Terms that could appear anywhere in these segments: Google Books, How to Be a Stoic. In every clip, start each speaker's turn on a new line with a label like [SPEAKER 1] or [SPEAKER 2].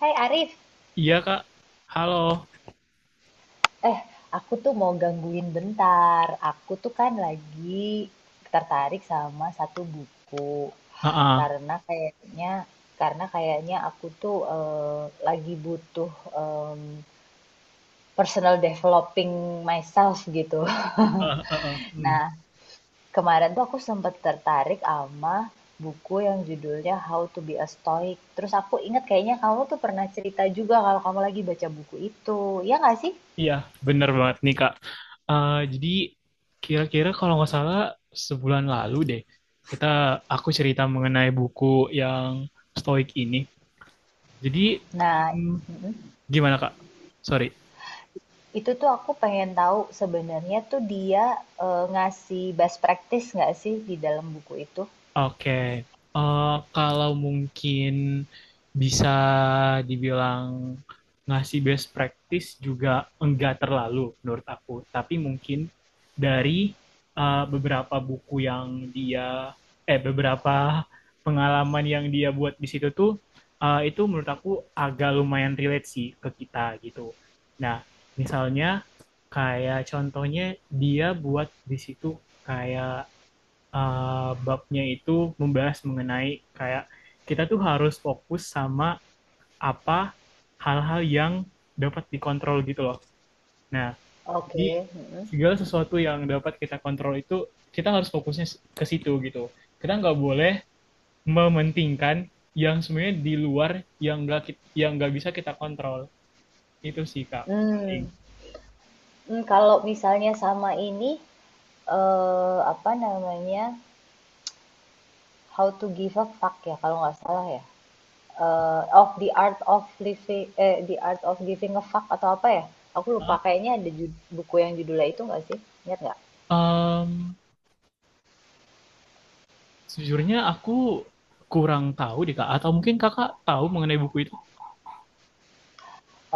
[SPEAKER 1] Hai Arif,
[SPEAKER 2] Iya kak, halo.
[SPEAKER 1] eh, aku tuh mau gangguin bentar. Aku tuh kan lagi tertarik sama satu buku
[SPEAKER 2] Ah, ah.
[SPEAKER 1] karena kayaknya karena kayaknya aku tuh eh, lagi butuh em, personal developing myself gitu.
[SPEAKER 2] Ah, ah, ah. Hmm.
[SPEAKER 1] Nah, kemarin tuh aku sempat tertarik sama buku yang judulnya How to Be a Stoic. Terus aku ingat kayaknya kamu tuh pernah cerita juga kalau kamu lagi baca buku itu. Ya nggak sih?
[SPEAKER 2] Iya, bener banget nih kak. Jadi kira-kira kalau nggak salah sebulan lalu deh, kita aku cerita mengenai buku yang Stoik ini. Jadi
[SPEAKER 1] Nah,
[SPEAKER 2] hmm,
[SPEAKER 1] mm-mm.
[SPEAKER 2] gimana kak? Sorry.
[SPEAKER 1] Itu tuh aku pengen tahu sebenarnya tuh dia, ngasih best practice nggak sih di dalam buku itu?
[SPEAKER 2] Oke, kalau mungkin bisa dibilang ngasih best practice juga enggak terlalu menurut aku, tapi mungkin dari beberapa buku yang dia, beberapa pengalaman yang dia buat di situ tuh, itu menurut aku agak lumayan relate sih ke kita gitu. Nah, misalnya kayak contohnya dia buat di situ kayak babnya itu membahas mengenai kayak kita tuh harus fokus sama apa hal-hal yang dapat dikontrol gitu loh. Nah, jadi
[SPEAKER 1] Oke, mhm.
[SPEAKER 2] segala sesuatu yang dapat kita kontrol itu kita harus fokusnya ke situ gitu. Kita nggak boleh mementingkan yang sebenarnya di luar yang nggak yang nggak bisa kita kontrol. Itu sih Kak paling.
[SPEAKER 1] Mmm, Kalau misalnya sama ini, apa namanya, How to Give a Fuck ya kalau nggak salah ya? Eee, Of the Art of Living eh, The Art of Giving a Fuck atau apa ya? Aku lupa
[SPEAKER 2] Hah?
[SPEAKER 1] kayaknya ada buku yang judulnya itu nggak sih? Ingat nggak?
[SPEAKER 2] Sejujurnya aku kurang tahu deh Kak, atau mungkin Kakak tahu mengenai buku itu?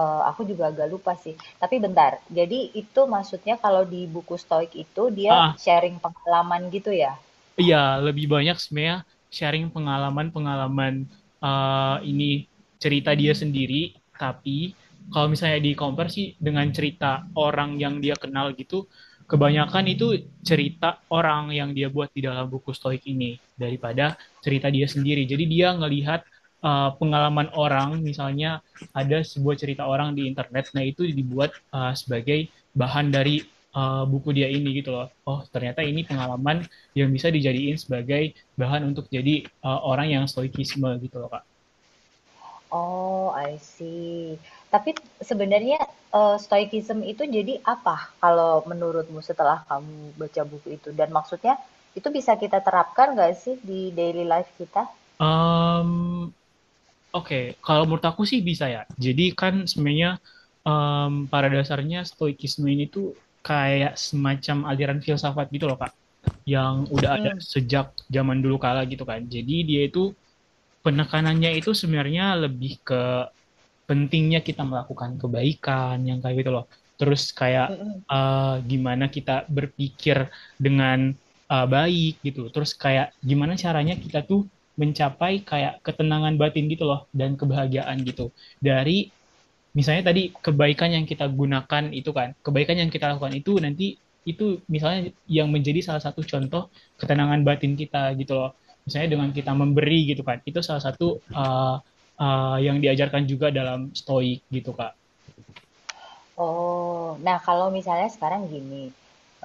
[SPEAKER 1] Aku juga agak lupa sih. Tapi bentar, jadi itu maksudnya kalau di buku Stoik itu dia
[SPEAKER 2] Ah, ah.
[SPEAKER 1] sharing pengalaman gitu ya?
[SPEAKER 2] Iya, lebih banyak sebenarnya sharing pengalaman-pengalaman ini cerita dia sendiri. Tapi kalau misalnya di compare sih dengan cerita orang yang dia kenal gitu, kebanyakan itu cerita orang yang dia buat di dalam buku Stoik ini daripada cerita dia sendiri. Jadi dia ngelihat pengalaman orang, misalnya ada sebuah cerita orang di internet, nah itu dibuat sebagai bahan dari buku dia ini gitu loh. Oh, ternyata ini pengalaman yang bisa dijadiin sebagai bahan untuk jadi orang yang stoikisme gitu loh Kak.
[SPEAKER 1] Oh, I see. Tapi sebenarnya, stoicism itu jadi apa kalau menurutmu setelah kamu baca buku itu? Dan maksudnya itu bisa kita terapkan nggak sih di daily life kita?
[SPEAKER 2] Em, Oke, kalau menurut aku sih bisa ya. Jadi kan sebenarnya pada dasarnya stoikisme ini tuh kayak semacam aliran filsafat gitu loh Kak, yang udah ada
[SPEAKER 1] Mhm,
[SPEAKER 2] sejak zaman dulu kala gitu kan. Jadi dia itu penekanannya itu sebenarnya lebih ke pentingnya kita melakukan kebaikan yang kayak gitu loh. Terus kayak
[SPEAKER 1] mhm.
[SPEAKER 2] gimana kita berpikir dengan baik gitu. Terus kayak gimana caranya kita tuh mencapai kayak ketenangan batin gitu loh dan kebahagiaan gitu dari misalnya tadi kebaikan yang kita gunakan itu kan, kebaikan yang kita lakukan itu nanti itu misalnya yang menjadi salah satu contoh ketenangan batin kita gitu loh. Misalnya dengan kita memberi gitu kan, itu salah satu uh, yang diajarkan juga dalam stoik gitu Kak.
[SPEAKER 1] Oh, nah kalau misalnya sekarang gini,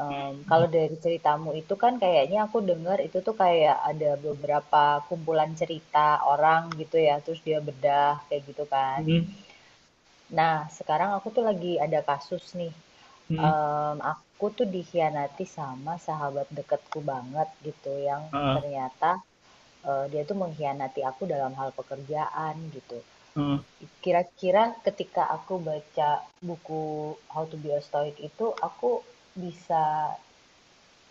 [SPEAKER 1] kalau dari ceritamu itu kan kayaknya aku dengar itu tuh kayak ada beberapa kumpulan cerita orang gitu ya, terus dia bedah kayak gitu kan.
[SPEAKER 2] Mm,
[SPEAKER 1] Nah, sekarang aku tuh lagi ada kasus nih,
[SPEAKER 2] mm,
[SPEAKER 1] aku tuh dikhianati sama sahabat deketku banget gitu, yang
[SPEAKER 2] uh,
[SPEAKER 1] ternyata eh, dia tuh mengkhianati aku dalam hal pekerjaan gitu.
[SPEAKER 2] uh.
[SPEAKER 1] Kira-kira ketika aku baca buku How to Be a Stoic itu, aku bisa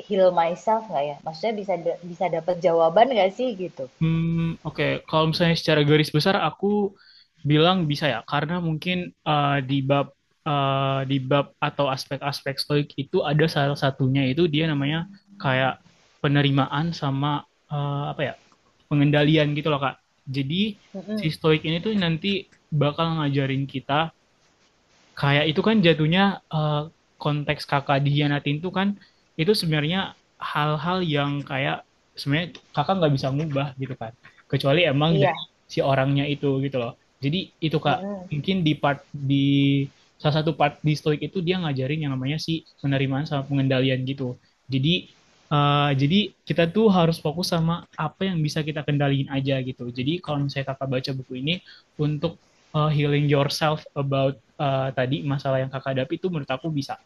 [SPEAKER 1] heal myself nggak ya? Maksudnya bisa dapat jawaban nggak sih gitu?
[SPEAKER 2] Hmm, oke. Kalau misalnya secara garis besar aku bilang bisa ya, karena mungkin eh, di bab di bab atau aspek-aspek stoik itu ada salah satunya itu dia namanya kayak penerimaan sama apa ya pengendalian gitu loh Kak. Jadi si
[SPEAKER 1] Mm-mm.
[SPEAKER 2] stoik ini tuh nanti bakal ngajarin kita kayak itu kan jatuhnya eh, konteks kakak dihianatin tuh kan itu sebenarnya hal-hal yang kayak sebenarnya kakak nggak bisa ngubah gitu kan, kecuali emang dari
[SPEAKER 1] Iya.
[SPEAKER 2] si orangnya itu gitu loh. Jadi itu kak,
[SPEAKER 1] Mm-mm.
[SPEAKER 2] mungkin di salah satu part di stoik itu dia ngajarin yang namanya si penerimaan sama pengendalian gitu. Jadi jadi kita tuh harus fokus sama apa yang bisa kita kendaliin aja gitu. Jadi kalau misalnya kakak baca buku ini untuk healing yourself about tadi masalah yang kakak hadapi itu menurut aku bisa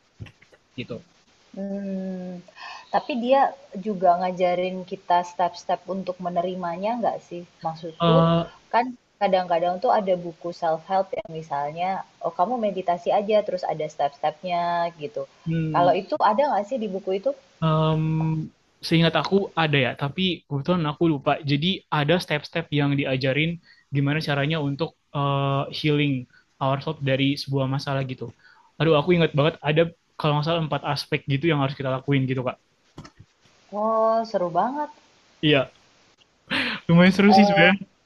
[SPEAKER 2] gitu.
[SPEAKER 1] Hmm. Tapi dia juga ngajarin kita step-step untuk menerimanya nggak sih? Maksudku
[SPEAKER 2] Eh,
[SPEAKER 1] kan kadang-kadang tuh ada buku self-help yang misalnya, oh kamu meditasi aja terus ada step-stepnya gitu. Kalau
[SPEAKER 2] hmm,
[SPEAKER 1] itu ada nggak sih di buku itu?
[SPEAKER 2] em, Seingat aku ada ya, tapi kebetulan aku lupa. Jadi ada step-step yang diajarin gimana caranya untuk eh, healing ourselves dari sebuah masalah gitu. Aduh, aku ingat banget ada kalau nggak salah empat aspek gitu yang harus kita lakuin gitu, Kak.
[SPEAKER 1] Oh, seru banget.
[SPEAKER 2] Iya, lumayan seru sih
[SPEAKER 1] Eh,
[SPEAKER 2] sebenarnya.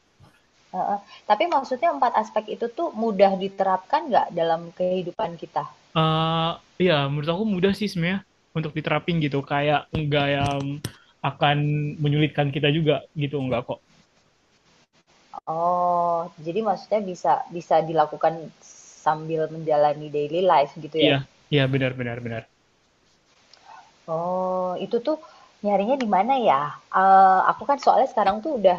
[SPEAKER 1] heeh. Tapi maksudnya 4 aspek itu tuh mudah diterapkan nggak dalam kehidupan kita?
[SPEAKER 2] Eh, iya, menurut aku mudah sih sebenarnya untuk diterapin gitu. Kayak nggak yang akan menyulitkan kita juga gitu, nggak kok.
[SPEAKER 1] Oh, jadi maksudnya bisa bisa dilakukan sambil menjalani daily life gitu ya?
[SPEAKER 2] Iya, iya benar benar benar.
[SPEAKER 1] Oh, itu tuh nyarinya di mana ya? Eh, aku kan soalnya sekarang tuh udah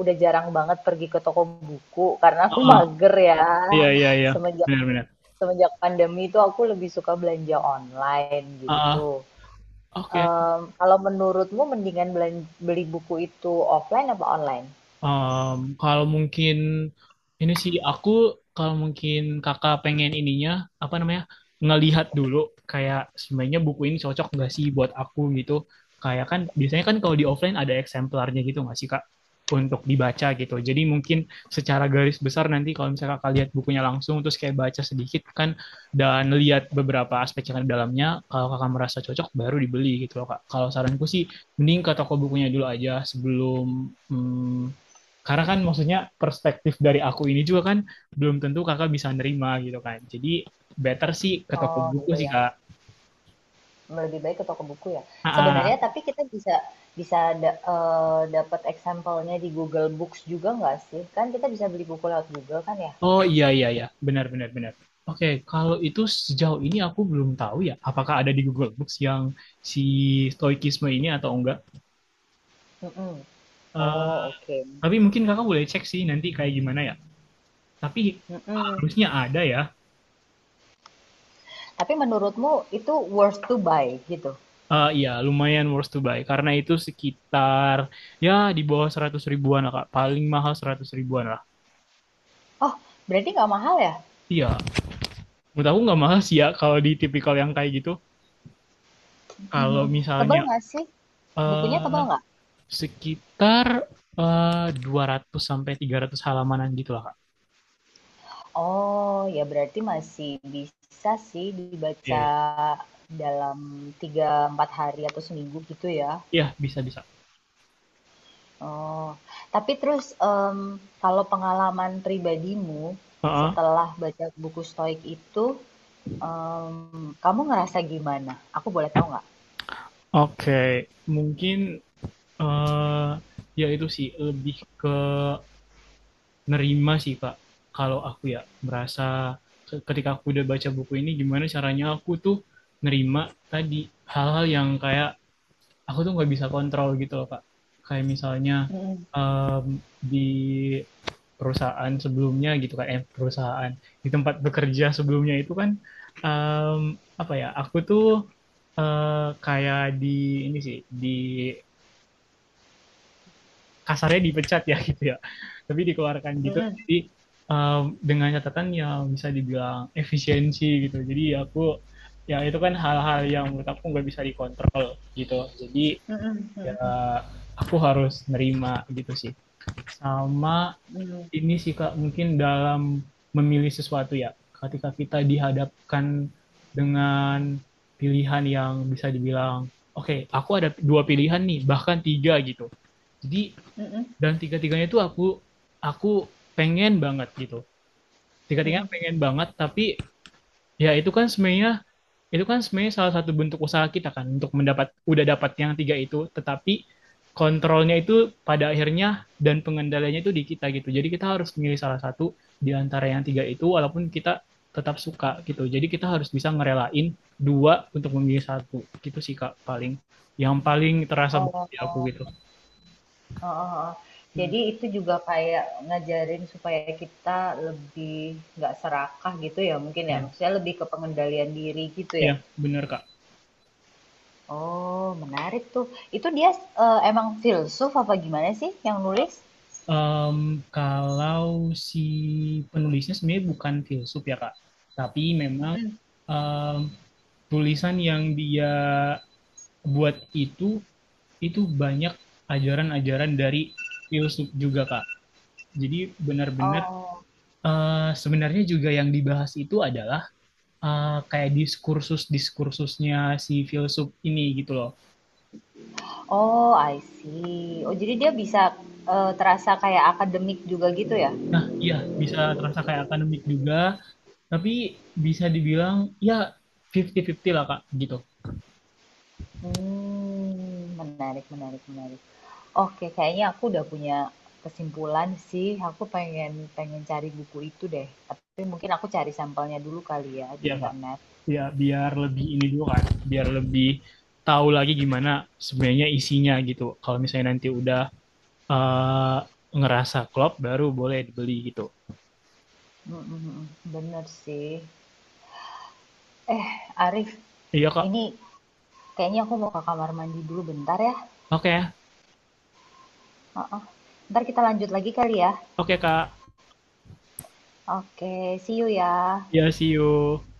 [SPEAKER 1] udah jarang banget pergi ke toko buku karena aku
[SPEAKER 2] Ah,
[SPEAKER 1] mager ya.
[SPEAKER 2] iya iya iya,
[SPEAKER 1] Semenjak
[SPEAKER 2] benar benar.
[SPEAKER 1] semenjak pandemi itu aku lebih suka belanja online gitu.
[SPEAKER 2] Ah, oke.
[SPEAKER 1] Kalau menurutmu mendingan beli buku itu offline apa online?
[SPEAKER 2] Kalau mungkin ini sih aku, kalau mungkin kakak pengen ininya apa namanya ngelihat dulu kayak sebenarnya buku ini cocok nggak sih buat aku gitu. Kayak kan biasanya kan kalau di offline ada eksemplarnya gitu nggak sih kak untuk dibaca gitu. Jadi mungkin secara garis besar nanti kalau misalnya kakak lihat bukunya langsung terus kayak baca sedikit kan dan lihat beberapa aspek yang ada di dalamnya, kalau kakak merasa cocok baru dibeli gitu loh kak. Kalau saranku sih mending ke toko bukunya dulu aja sebelum hmm, karena kan maksudnya perspektif dari aku ini juga kan belum tentu kakak bisa nerima gitu kan. Jadi better sih ke toko
[SPEAKER 1] Oh, iya,
[SPEAKER 2] buku sih
[SPEAKER 1] ya.
[SPEAKER 2] kak.
[SPEAKER 1] Lebih baik ke toko buku ya?
[SPEAKER 2] Ah,
[SPEAKER 1] Sebenarnya
[SPEAKER 2] ah.
[SPEAKER 1] tapi kita bisa bisa da dapat example-nya di Google Books juga nggak sih? Kan kita bisa beli buku lewat Google kan ya?
[SPEAKER 2] Oh, iya iya iya, benar benar benar. Oke, kalau itu sejauh ini aku belum tahu ya apakah ada di Google Books yang si stoikisme ini atau enggak.
[SPEAKER 1] Mhm.
[SPEAKER 2] Eh,
[SPEAKER 1] Oh, oke.
[SPEAKER 2] tapi mungkin kakak boleh cek sih nanti kayak gimana ya. Tapi
[SPEAKER 1] Mhm.
[SPEAKER 2] harusnya ada ya.
[SPEAKER 1] Tapi menurutmu itu worth to buy gitu?
[SPEAKER 2] Iya, lumayan worth to buy karena itu sekitar ya di bawah 100 ribuan lah kak. Paling mahal 100 ribuan lah.
[SPEAKER 1] Oh, berarti nggak mahal ya?
[SPEAKER 2] Iya, menurut aku nggak mahal sih ya kalau di tipikal yang kayak gitu.
[SPEAKER 1] Mhm
[SPEAKER 2] Kalau
[SPEAKER 1] mhm.
[SPEAKER 2] misalnya
[SPEAKER 1] Tebal nggak sih? Bukunya
[SPEAKER 2] eh
[SPEAKER 1] tebal nggak?
[SPEAKER 2] sekitar 200 sampai 300 halamanan gitu lah, Kak.
[SPEAKER 1] Oh, ya berarti masih bisa sih
[SPEAKER 2] Iya,
[SPEAKER 1] dibaca
[SPEAKER 2] iya.
[SPEAKER 1] dalam 3-4 hari atau seminggu gitu ya.
[SPEAKER 2] Iya, bisa bisa.
[SPEAKER 1] Oh, tapi terus kalau pengalaman pribadimu
[SPEAKER 2] Heeh.
[SPEAKER 1] setelah baca buku Stoik itu, kamu ngerasa gimana? Aku boleh tahu nggak?
[SPEAKER 2] Oke, mungkin eh ya itu sih lebih ke nerima sih, Kak. Kalau aku ya merasa ketika aku udah baca buku ini gimana caranya aku tuh nerima tadi hal-hal yang kayak aku tuh nggak bisa kontrol gitu loh Kak. Kayak misalnya
[SPEAKER 1] Mm-mm,
[SPEAKER 2] em, di perusahaan sebelumnya gitu kan, perusahaan di tempat bekerja sebelumnya itu kan em, apa ya? Aku tuh eh, kayak di ini sih di kasarnya dipecat ya gitu ya, tapi dikeluarkan gitu.
[SPEAKER 1] mm-mm,
[SPEAKER 2] Jadi em, dengan catatan yang bisa dibilang efisiensi gitu. Jadi aku ya itu kan hal-hal yang menurut aku nggak bisa dikontrol gitu. Jadi
[SPEAKER 1] mm-mm,
[SPEAKER 2] ya
[SPEAKER 1] mm-mm,
[SPEAKER 2] aku harus nerima gitu sih, sama
[SPEAKER 1] mm-mm,
[SPEAKER 2] ini sih kak mungkin dalam memilih sesuatu ya ketika kita dihadapkan dengan pilihan yang bisa dibilang oke okay, aku ada dua pilihan nih bahkan tiga gitu. Jadi
[SPEAKER 1] mm-mm,
[SPEAKER 2] dan tiga tiganya itu aku pengen banget gitu, tiga tiganya
[SPEAKER 1] mm-mm.
[SPEAKER 2] pengen banget tapi ya itu kan sebenarnya salah satu bentuk usaha kita kan untuk udah dapat yang tiga itu, tetapi kontrolnya itu pada akhirnya dan pengendaliannya itu di kita gitu. Jadi kita harus memilih salah satu di antara yang tiga itu walaupun kita tetap suka gitu. Jadi kita harus bisa ngerelain dua untuk memilih satu. Gitu sih Kak paling yang paling terasa bagi aku
[SPEAKER 1] Oh,
[SPEAKER 2] gitu.
[SPEAKER 1] oh heeh.
[SPEAKER 2] Hmm,
[SPEAKER 1] Jadi itu juga kayak ngajarin supaya kita lebih nggak serakah gitu ya mungkin ya.
[SPEAKER 2] iya,
[SPEAKER 1] Maksudnya lebih ke pengendalian diri gitu
[SPEAKER 2] iya
[SPEAKER 1] ya.
[SPEAKER 2] benar Kak.
[SPEAKER 1] Oh, menarik tuh. Itu dia eh, emang filsuf apa gimana sih yang nulis?
[SPEAKER 2] Em, Kalau si penulisnya sebenarnya bukan filsuf ya Kak, tapi memang
[SPEAKER 1] Mm.
[SPEAKER 2] em, tulisan yang dia buat itu itu banyak ajaran-ajaran dari filsuf juga Kak. Jadi benar-benar
[SPEAKER 1] Oh,
[SPEAKER 2] sebenarnya juga yang dibahas itu adalah kayak diskursus-diskursusnya si filsuf ini gitu loh.
[SPEAKER 1] oh I see. Oh, jadi dia bisa eh, terasa kayak akademik juga gitu ya?
[SPEAKER 2] Nah, iya bisa terasa kayak akademik juga, tapi bisa dibilang ya 50-50 lah Kak gitu.
[SPEAKER 1] Menarik menarik menarik. Oke, kayaknya aku udah punya kesimpulan sih, aku pengen pengen cari buku itu deh, tapi mungkin aku cari sampelnya dulu kali ya di
[SPEAKER 2] Iya Kak,
[SPEAKER 1] internet.
[SPEAKER 2] ya biar lebih ini dulu kan, biar lebih tahu lagi gimana sebenarnya isinya gitu. Kalau misalnya nanti udah eh, ngerasa klop, baru boleh dibeli gitu.
[SPEAKER 1] Mhm mhm, bener sih. Eh, Arif,
[SPEAKER 2] Iya Kak,
[SPEAKER 1] ini kayaknya aku mau ke kamar mandi dulu bentar ya,
[SPEAKER 2] oke, ya.
[SPEAKER 1] heeh. Entar kita lanjut lagi kali ya?
[SPEAKER 2] Oke Kak,
[SPEAKER 1] Oke, see you ya.
[SPEAKER 2] ya see you.